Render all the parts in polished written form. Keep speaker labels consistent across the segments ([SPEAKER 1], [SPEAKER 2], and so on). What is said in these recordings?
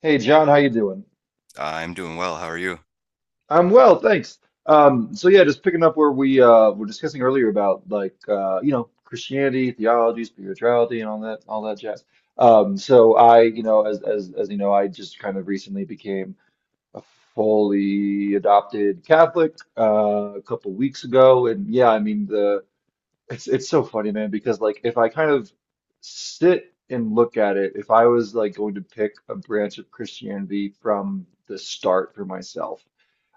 [SPEAKER 1] Hey John, how you doing?
[SPEAKER 2] I'm doing well. How are you?
[SPEAKER 1] I'm well, thanks. So yeah, just picking up where we were discussing earlier about like Christianity, theology, spirituality, and all that jazz. So, as you know, I just kind of recently became a fully adopted Catholic a couple weeks ago, and yeah, I mean the it's so funny, man, because like if I kind of sit and look at it, if I was like going to pick a branch of Christianity from the start for myself,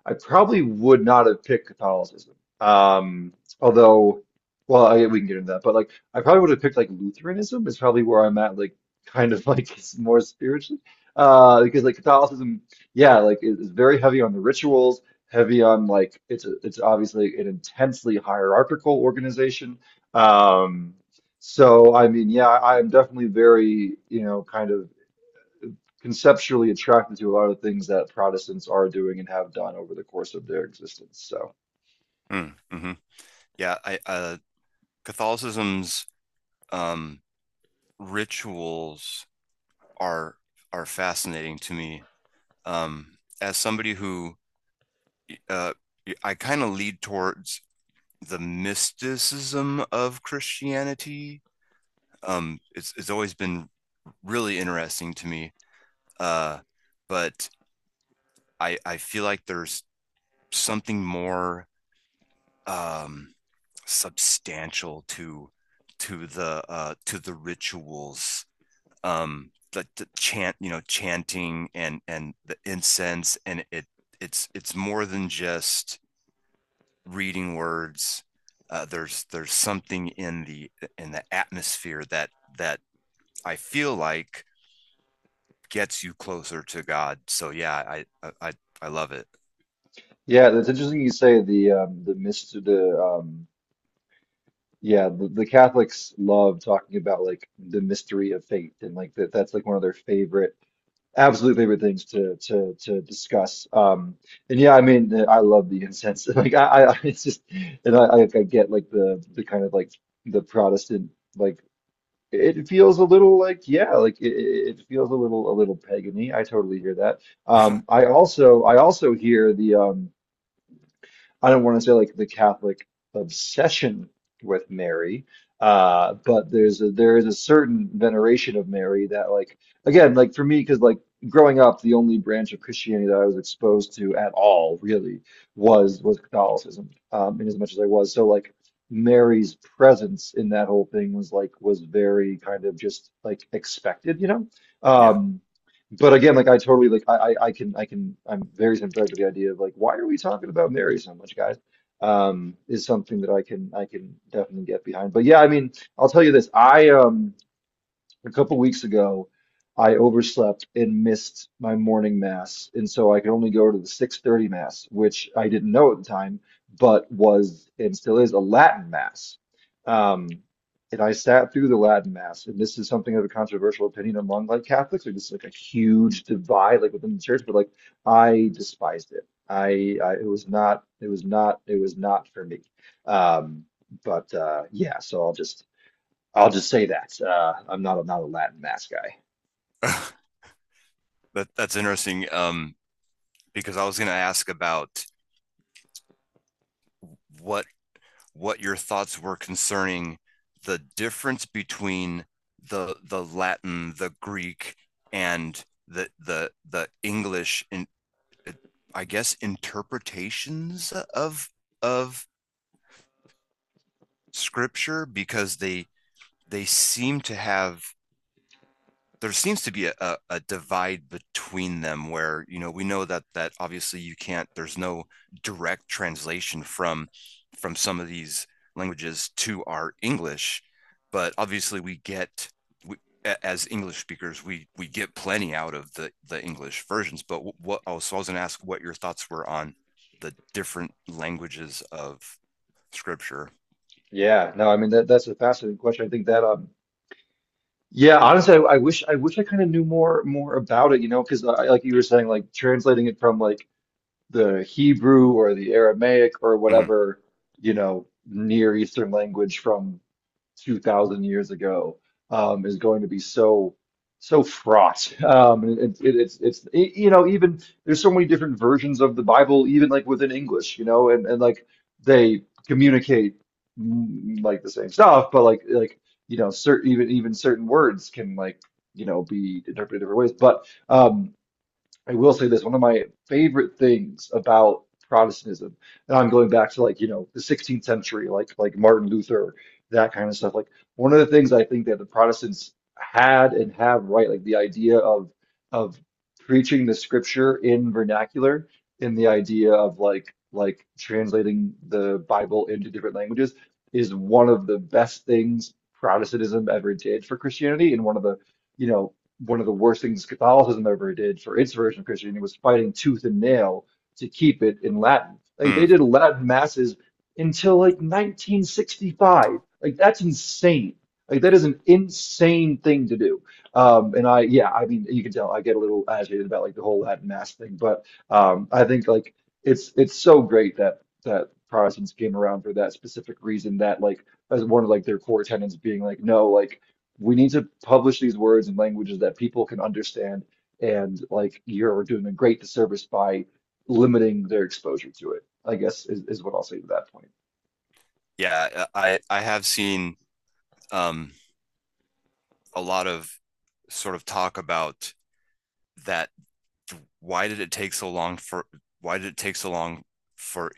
[SPEAKER 1] I probably would not have picked Catholicism. Um, Although, well, we can get into that. But like, I probably would have picked like Lutheranism is probably where I'm at. Like, kind of like it's more spiritually, because like Catholicism, yeah, like it's very heavy on the rituals, heavy on like it's obviously an intensely hierarchical organization. Um, so I mean, yeah, I'm definitely very kind of conceptually attracted to a lot of the things that Protestants are doing and have done over the course of their existence. So,
[SPEAKER 2] Mm, hmm Yeah, I Catholicism's um rituals are are fascinating to me. As somebody who uh I kind of lead towards the mysticism of Christianity. It's always been really interesting to me. Uh but I feel like there's something more um substantial to to the rituals . The chant, chanting and the incense, and it's more than just reading words. There's something in the atmosphere that that I feel like gets you closer to God. So yeah, I love it.
[SPEAKER 1] yeah, that's interesting you say the mystery the yeah the Catholics love talking about like the mystery of faith and like that's like one of their favorite, absolute favorite things to discuss. And yeah, I mean I love the incense. Like I it's just, and I get like the kind of like the Protestant, like. It feels a little like, yeah, like it feels a little pagany. I totally hear that. I also hear the, I don't want to say like the Catholic obsession with Mary, but there's a, there is a certain veneration of Mary that, like, again, like for me, because like growing up the only branch of Christianity that I was exposed to at all really was Catholicism, in as much as I was, so like Mary's presence in that whole thing was like was very kind of just like expected.
[SPEAKER 2] Yeah,
[SPEAKER 1] Um, but again, like I totally, like, I'm very sympathetic to the idea of like why are we talking about Mary so much, guys? Is something that I can definitely get behind. But yeah, I mean, I'll tell you this. I A couple weeks ago, I overslept and missed my morning mass, and so I could only go to the 6:30 mass, which I didn't know at the time, but was and still is a Latin mass. Um, and I sat through the Latin mass, and this is something of a controversial opinion among like Catholics, or just like a huge divide like within the church, but like I despised it. I. It was not for me. Um, but yeah, so I'll just say that. I'm not a Latin mass guy.
[SPEAKER 2] that that's interesting. Because I was gonna ask about what what your thoughts were concerning the difference between the Latin, the Greek, and the English in, I guess, interpretations of of scripture, because they seem to have, there seems to be a divide between them, where you know we know that obviously you can't, there's no direct translation from some of these languages to our English, but obviously we, as English speakers, we get plenty out of the English versions, but so I was going to ask what your thoughts were on the different languages of scripture.
[SPEAKER 1] Yeah, no, I mean that's a fascinating question. I think, that yeah, honestly, I wish I kind of knew more about it, you know, because like you were saying, like translating it from like the Hebrew or the Aramaic or
[SPEAKER 2] Mhm.
[SPEAKER 1] whatever, you know, Near Eastern language from 2,000 years ago is going to be so fraught. And it, it, it's it, you know even there's so many different versions of the Bible, even like within English, you know, and like they communicate, like the same stuff, but like certain, even certain words can like be interpreted different ways. But I will say this, one of my favorite things about Protestantism, and I'm going back to like, you know, the 16th century, like Martin Luther, that kind of stuff. Like one of the things I think that the Protestants had and have right, like the idea of preaching the scripture in vernacular, and the idea of like translating the Bible into different languages is one of the best things Protestantism ever did for Christianity, and you know, one of the worst things Catholicism ever did for its version of Christianity was fighting tooth and nail to keep it in Latin. Like they
[SPEAKER 2] Mm.
[SPEAKER 1] did Latin masses until like 1965. Like that's insane. Like that is an insane thing to do. And yeah, I mean, you can tell I get a little agitated about like the whole Latin mass thing, but I think like it's so great that Protestants came around for that specific reason, that like as one of like their core tenets being like, no, like we need to publish these words in languages that people can understand and like you're doing a great disservice by limiting their exposure to it, I guess, is what I'll say to that point.
[SPEAKER 2] Yeah, I have seen um a lot of sort of talk about that. why did it take so long for why did it take so long for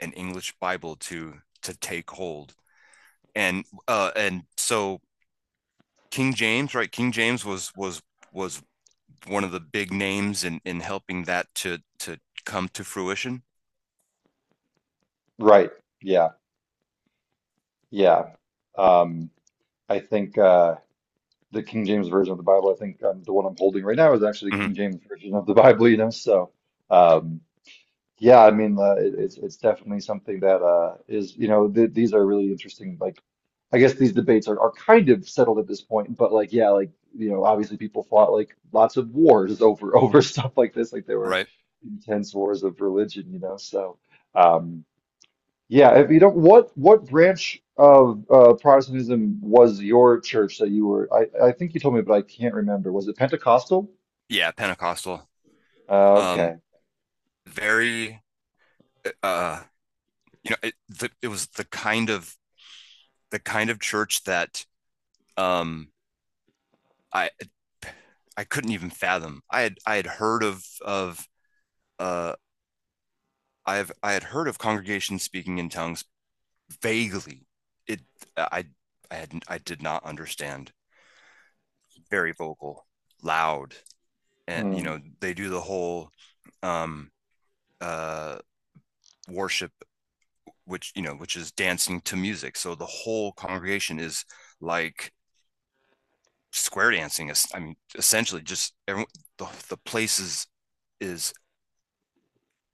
[SPEAKER 2] an English Bible to take hold? And so King James, right? King James was one of the big names in helping that to come to fruition.
[SPEAKER 1] Right. Yeah. Yeah. Um, I think, the King James version of the Bible, I think, the one I'm holding right now is actually the
[SPEAKER 2] Mm-hmm.
[SPEAKER 1] King James version of the Bible. So, um, yeah, I mean, it's definitely something that is, you know, th these are really interesting, like. I guess these debates are kind of settled at this point, but like, yeah, like, obviously people fought like lots of wars over stuff like this. Like there were
[SPEAKER 2] Right?
[SPEAKER 1] intense wars of religion. So, um yeah, if you don't what branch of Protestantism was your church that you were, I think you told me, but I can't remember. Was it Pentecostal?
[SPEAKER 2] Yeah, Pentecostal. Um
[SPEAKER 1] Okay.
[SPEAKER 2] very uh you know it was the kind of church that um I I couldn't even fathom. I had heard of uh I've I had heard of congregations speaking in tongues vaguely. It I I did not understand. Very vocal, loud, and you
[SPEAKER 1] Hmm.
[SPEAKER 2] know they do the whole um uh worship, which which is dancing to music. So the whole congregation is like square dancing, I mean essentially, just everyone, the place is is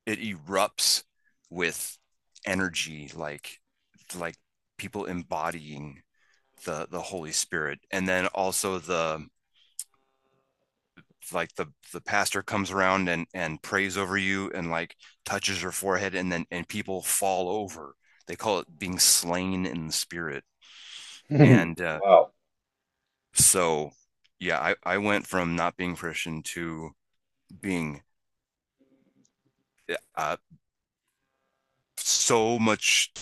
[SPEAKER 2] it erupts with energy, like people embodying the Holy Spirit, and then also the, like the pastor comes around and prays over you, and like touches your forehead, and then and people fall over. They call it being slain in the Spirit. And
[SPEAKER 1] Wow.
[SPEAKER 2] so yeah, I went from not being Christian to being, uh, so much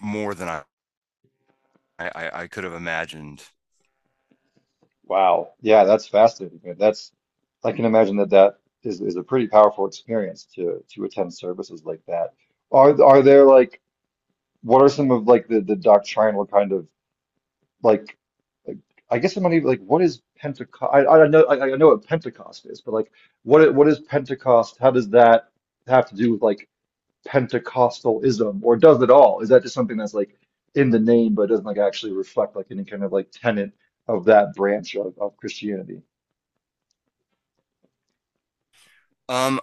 [SPEAKER 2] more than I could have imagined.
[SPEAKER 1] Wow. Yeah, that's fascinating, man. That's, I can imagine that that is, a pretty powerful experience to attend services like that. Are there, like, what are some of, like, the doctrinal kind of, like, I guess I'm not even, like, what is Pentecost? I know, I know what Pentecost is, but like what is Pentecost? How does that have to do with like Pentecostalism or does it all? Is that just something that's like in the name but doesn't like actually reflect like any kind of like tenet of that branch of Christianity?
[SPEAKER 2] um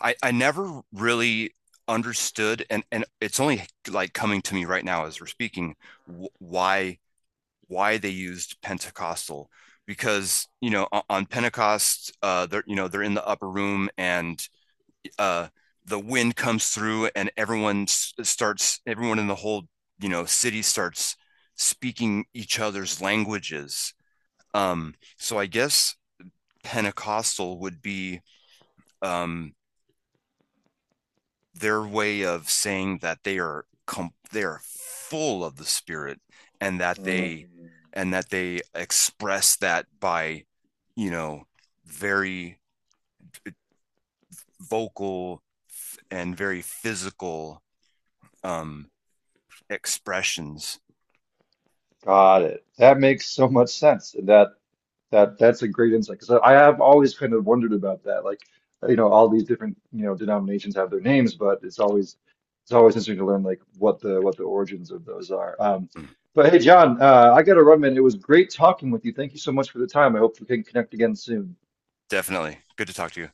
[SPEAKER 2] I, I never really understood, and it's only like coming to me right now, as we're speaking, wh- why why they used Pentecostal. Because you know on Pentecost, they're, you know, they're in the upper room, and uh the wind comes through, and everyone in the whole, you know, city starts speaking each other's languages. So I guess Pentecostal would be um their way of saying that they are they are full of the Spirit, and that
[SPEAKER 1] Mm,
[SPEAKER 2] they express that by, you know, very vocal and very physical um expressions.
[SPEAKER 1] got it. That makes so much sense. And that's a great insight because I have always kind of wondered about that. Like, all these different, denominations have their names, but it's always interesting to learn like what the origins of those are. But hey, John, I got to run, man. It was great talking with you. Thank you so much for the time. I hope we can connect again soon.
[SPEAKER 2] Definitely good to talk to you.